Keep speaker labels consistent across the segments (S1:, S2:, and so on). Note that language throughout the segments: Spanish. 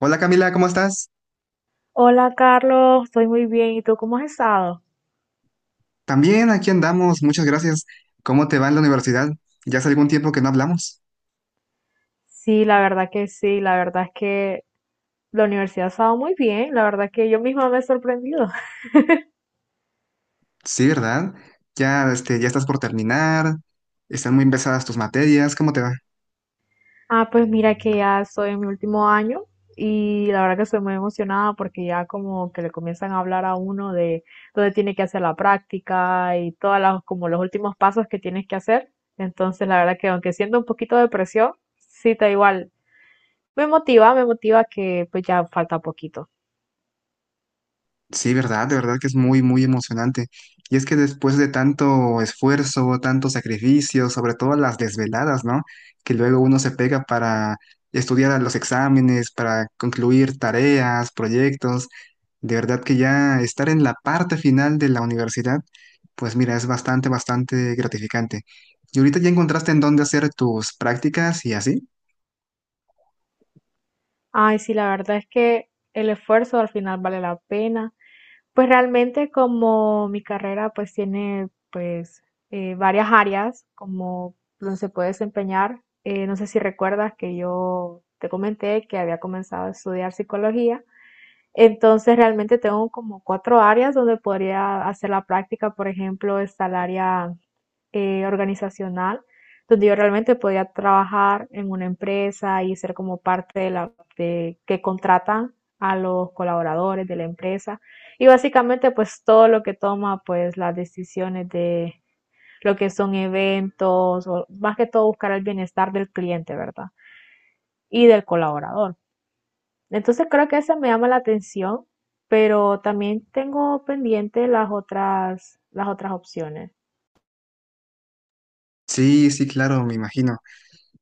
S1: Hola Camila, ¿cómo estás?
S2: Hola Carlos, estoy muy bien. ¿Y tú cómo has estado?
S1: También aquí andamos, muchas gracias. ¿Cómo te va en la universidad? Ya hace algún tiempo que no hablamos.
S2: Sí, la verdad que sí, la verdad es que la universidad ha estado muy bien, la verdad que yo misma me he sorprendido.
S1: Sí, ¿verdad? Ya, este, ya estás por terminar, están muy pesadas tus materias, ¿cómo te va?
S2: Ah, pues mira que ya estoy en mi último año y la verdad que estoy muy emocionada porque ya como que le comienzan a hablar a uno de dónde tiene que hacer la práctica y todas las como los últimos pasos que tienes que hacer. Entonces, la verdad que aunque siento un poquito de presión, sí, da igual. Me motiva que pues ya falta poquito.
S1: Sí, ¿verdad? De verdad que es muy, muy emocionante. Y es que después de tanto esfuerzo, tanto sacrificio, sobre todo las desveladas, ¿no? Que luego uno se pega para estudiar a los exámenes, para concluir tareas, proyectos. De verdad que ya estar en la parte final de la universidad, pues mira, es bastante, bastante gratificante. ¿Y ahorita ya encontraste en dónde hacer tus prácticas y así?
S2: Ay, sí, la verdad es que el esfuerzo al final vale la pena. Pues realmente como mi carrera pues tiene pues varias áreas como donde se puede desempeñar. No sé si recuerdas que yo te comenté que había comenzado a estudiar psicología. Entonces realmente tengo como cuatro áreas donde podría hacer la práctica. Por ejemplo, está el área organizacional donde yo realmente podía trabajar en una empresa y ser como parte de la que contratan a los colaboradores de la empresa y básicamente pues todo lo que toma pues las decisiones de lo que son eventos o más que todo buscar el bienestar del cliente, ¿verdad? Y del colaborador. Entonces creo que esa me llama la atención, pero también tengo pendiente las otras opciones.
S1: Sí, sí, claro, me imagino.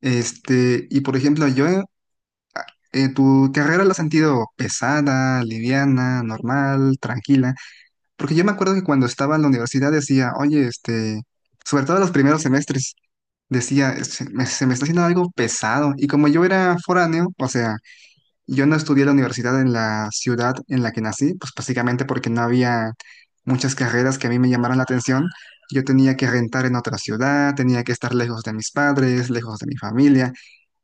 S1: Este, y por ejemplo, yo, ¿tu carrera la has sentido pesada, liviana, normal, tranquila? Porque yo me acuerdo que cuando estaba en la universidad decía, oye, este, sobre todo en los primeros semestres, decía, se me está haciendo algo pesado. Y como yo era foráneo, o sea, yo no estudié la universidad en la ciudad en la que nací, pues básicamente porque no había muchas carreras que a mí me llamaran la atención. Yo tenía que rentar en otra ciudad, tenía que estar lejos de mis padres, lejos de mi familia.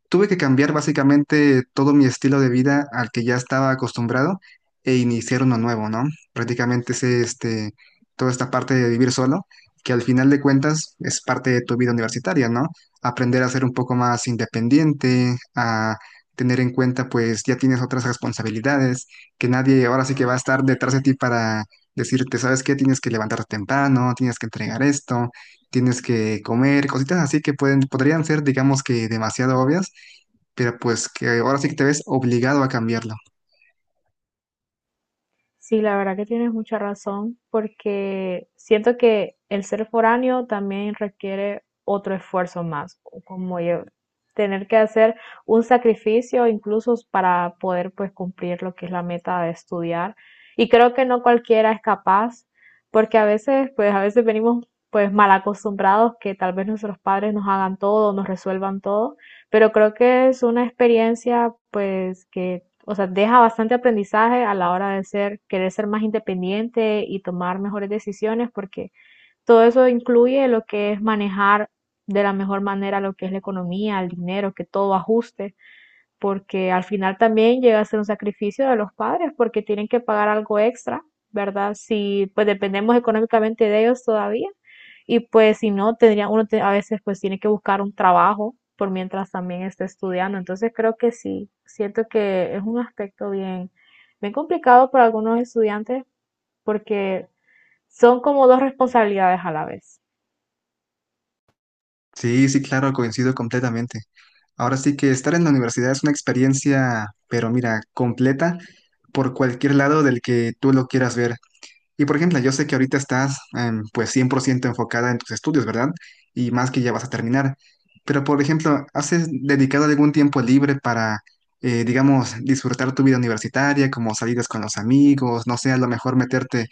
S1: Tuve que cambiar básicamente todo mi estilo de vida al que ya estaba acostumbrado e iniciar uno nuevo, ¿no? Prácticamente es este, toda esta parte de vivir solo, que al final de cuentas es parte de tu vida universitaria, ¿no? Aprender a ser un poco más independiente, a tener en cuenta, pues ya tienes otras responsabilidades, que nadie ahora sí que va a estar detrás de ti para decirte, ¿sabes qué? Tienes que levantarte temprano, tienes que entregar esto, tienes que comer, cositas así que pueden, podrían ser, digamos que demasiado obvias, pero pues que ahora sí que te ves obligado a cambiarlo.
S2: Sí, la verdad que tienes mucha razón, porque siento que el ser foráneo también requiere otro esfuerzo más, como yo, tener que hacer un sacrificio incluso para poder pues cumplir lo que es la meta de estudiar. Y creo que no cualquiera es capaz, porque a veces venimos pues mal acostumbrados que tal vez nuestros padres nos hagan todo, nos resuelvan todo, pero creo que es una experiencia pues que o sea, deja bastante aprendizaje a la hora de ser, querer ser más independiente y tomar mejores decisiones, porque todo eso incluye lo que es manejar de la mejor manera lo que es la economía, el dinero, que todo ajuste porque al final también llega a ser un sacrificio de los padres porque tienen que pagar algo extra, ¿verdad? Si pues dependemos económicamente de ellos todavía y pues si no, tendría, uno a veces pues tiene que buscar un trabajo por mientras también esté estudiando. Entonces creo que sí, siento que es un aspecto bien, bien complicado para algunos estudiantes porque son como dos responsabilidades a la vez.
S1: Sí, sí, claro, coincido completamente. Ahora sí que estar en la universidad es una experiencia, pero mira, completa por cualquier lado del que tú lo quieras ver. Y por ejemplo, yo sé que ahorita estás pues 100% enfocada en tus estudios, ¿verdad? Y más que ya vas a terminar. Pero por ejemplo, ¿ dedicado algún tiempo libre para, digamos, disfrutar tu vida universitaria, como salidas con los amigos, no sé, a lo mejor meterte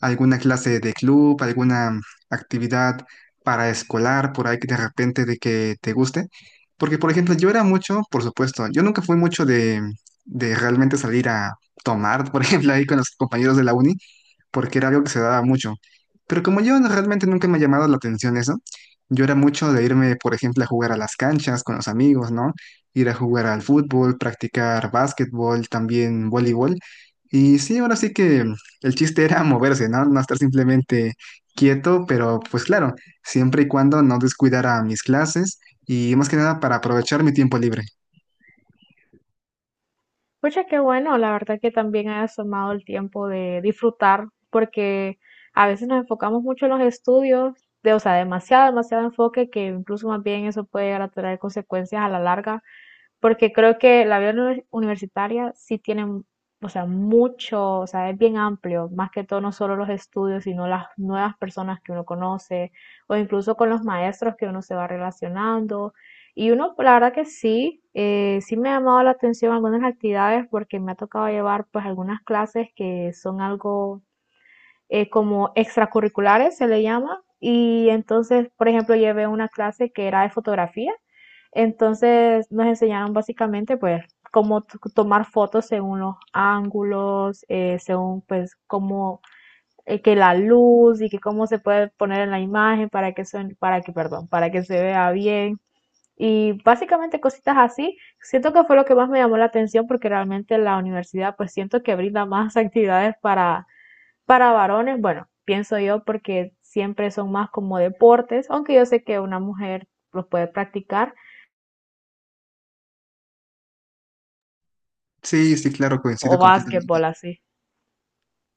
S1: a alguna clase de club, alguna actividad para escolar, por ahí que de repente de que te guste? Porque por ejemplo, yo era mucho, por supuesto, yo nunca fui mucho de realmente salir a tomar, por ejemplo, ahí con los compañeros de la uni porque era algo que se daba mucho. Pero como yo no- realmente nunca me ha llamado la atención eso, yo era mucho de irme, por ejemplo, a jugar a las canchas con los amigos, ¿no? Ir a jugar al fútbol, practicar básquetbol, también voleibol. Y sí, ahora sí que el chiste era moverse, ¿no? No estar simplemente quieto, pero pues claro, siempre y cuando no descuidara mis clases y más que nada para aprovechar mi tiempo libre.
S2: Pucha, qué bueno, la verdad que también hayas tomado el tiempo de disfrutar, porque a veces nos enfocamos mucho en los estudios, de, o sea, demasiado, demasiado enfoque, que incluso más bien eso puede llegar a traer consecuencias a la larga porque creo que la vida universitaria sí tiene, o sea, mucho, o sea, es bien amplio, más que todo no solo los estudios, sino las nuevas personas que uno conoce, o incluso con los maestros que uno se va relacionando. Y uno, pues, la verdad que sí, sí me ha llamado la atención algunas actividades porque me ha tocado llevar pues algunas clases que son algo como extracurriculares, se le llama. Y entonces, por ejemplo, llevé una clase que era de fotografía. Entonces nos enseñaron básicamente, pues, cómo tomar fotos según los ángulos, según, pues, cómo que la luz y que cómo se puede poner en la imagen para que para que, perdón, para que se vea bien. Y básicamente cositas así. Siento que fue lo que más me llamó la atención porque realmente la universidad, pues, siento que brinda más actividades para varones, bueno, pienso yo porque siempre son más como deportes, aunque yo sé que una mujer los puede practicar,
S1: Sí, sí, claro,
S2: o
S1: coincido completamente.
S2: básquetbol así.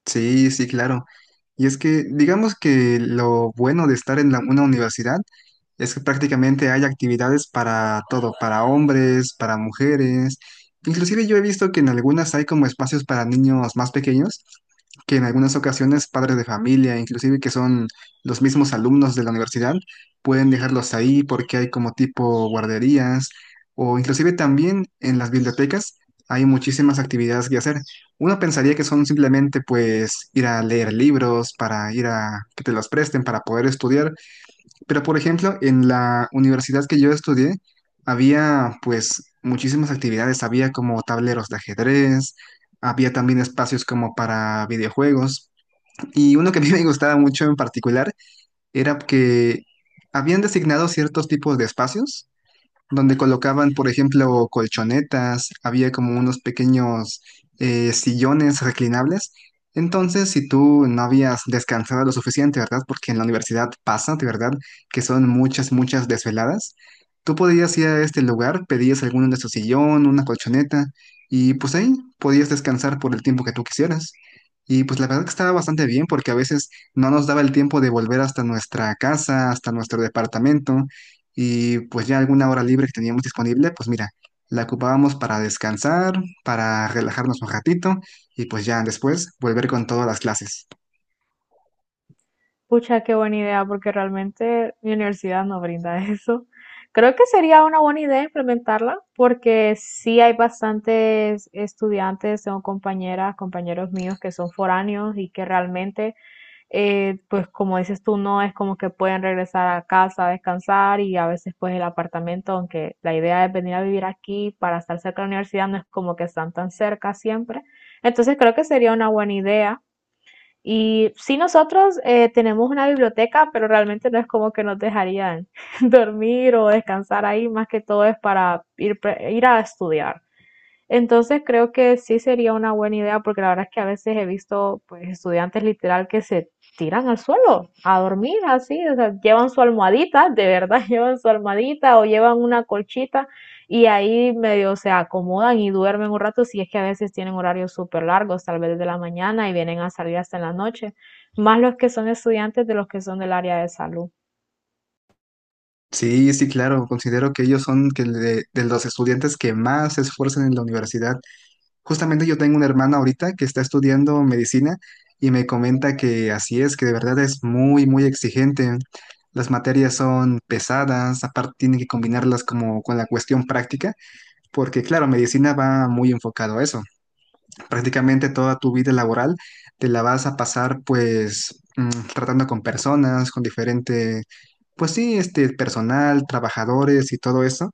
S1: Sí, sí, claro. Y es que digamos que lo bueno de estar en una universidad es que prácticamente hay actividades para todo, para hombres, para mujeres. Inclusive yo he visto que en algunas hay como espacios para niños más pequeños, que en algunas ocasiones padres de familia, inclusive que son los mismos alumnos de la universidad, pueden dejarlos ahí porque hay como tipo guarderías, o inclusive también en las bibliotecas hay muchísimas actividades que hacer. Uno pensaría que son simplemente pues ir a leer libros, para ir a que te los presten, para poder estudiar, pero, por ejemplo, en la universidad que yo estudié, había pues muchísimas actividades, había como tableros de ajedrez, había también espacios como para videojuegos. Y uno que a mí me gustaba mucho en particular era que habían designado ciertos tipos de espacios donde colocaban, por ejemplo, colchonetas, había como unos pequeños sillones reclinables. Entonces, si tú no habías descansado lo suficiente, ¿verdad? Porque en la universidad pasa, de verdad, que son muchas, muchas desveladas. Tú podías ir a este lugar, pedías alguno de su sillón, una colchoneta, y pues ahí podías descansar por el tiempo que tú quisieras. Y pues la verdad que estaba bastante bien porque a veces no nos daba el tiempo de volver hasta nuestra casa, hasta nuestro departamento. Y pues ya alguna hora libre que teníamos disponible, pues mira, la ocupábamos para descansar, para relajarnos un ratito y pues ya después volver con todas las clases.
S2: Pucha, qué buena idea, porque realmente mi universidad no brinda eso. Creo que sería una buena idea implementarla, porque sí hay bastantes estudiantes, tengo compañeras, compañeros míos que son foráneos y que realmente pues como dices tú, no es como que pueden regresar a casa a descansar y a veces pues el apartamento, aunque la idea es venir a vivir aquí para estar cerca de la universidad, no es como que están tan cerca siempre. Entonces creo que sería una buena idea. Y sí, nosotros tenemos una biblioteca, pero realmente no es como que nos dejarían dormir o descansar ahí, más que todo es para ir, ir a estudiar. Entonces creo que sí sería una buena idea porque la verdad es que a veces he visto pues estudiantes literal que se tiran al suelo a dormir así, o sea, llevan su almohadita, de verdad llevan su almohadita o llevan una colchita y ahí medio se acomodan y duermen un rato si es que a veces tienen horarios súper largos, tal vez de la mañana y vienen a salir hasta en la noche, más los que son estudiantes de los que son del área de salud.
S1: Sí, sí, claro, considero que ellos son que de los estudiantes que más se esfuerzan en la universidad. Justamente yo tengo una hermana ahorita que está estudiando medicina y me comenta que así es, que de verdad es muy, muy exigente. Las materias son pesadas, aparte tienen que combinarlas como con la cuestión práctica, porque claro, medicina va muy enfocado a eso. Prácticamente toda tu vida laboral te la vas a pasar pues tratando con personas, con diferente, pues sí, este personal, trabajadores y todo eso.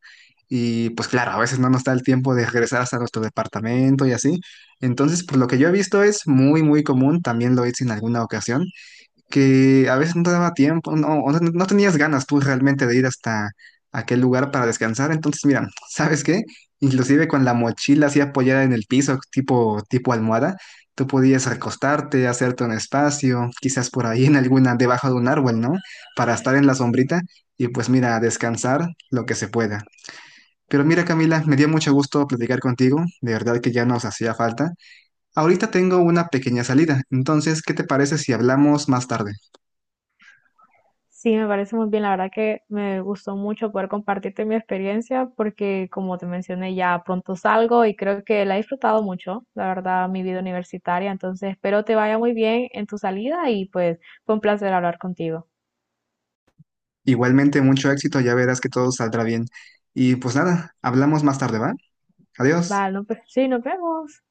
S1: Y pues claro, a veces no nos da el tiempo de regresar hasta nuestro departamento y así. Entonces, por lo que yo he visto es muy, muy común, también lo hice en alguna ocasión, que a veces no te daba tiempo, no, o no tenías ganas tú realmente de ir hasta aquel lugar para descansar. Entonces, mira, ¿sabes qué? Inclusive con la mochila así apoyada en el piso, tipo, tipo almohada, tú podías recostarte, hacerte un espacio, quizás por ahí en alguna, debajo de un árbol, ¿no? Para estar en la sombrita y pues mira, descansar lo que se pueda. Pero mira, Camila, me dio mucho gusto platicar contigo, de verdad que ya nos hacía falta. Ahorita tengo una pequeña salida, entonces, ¿qué te parece si hablamos más tarde?
S2: Sí, me parece muy bien. La verdad que me gustó mucho poder compartirte mi experiencia porque, como te mencioné, ya pronto salgo y creo que la he disfrutado mucho, la verdad, mi vida universitaria. Entonces, espero te vaya muy bien en tu salida y pues fue un placer hablar contigo.
S1: Igualmente, mucho éxito, ya verás que todo saldrá bien. Y pues nada, hablamos más tarde, ¿va? Adiós.
S2: Vale, no, pues, sí, nos vemos.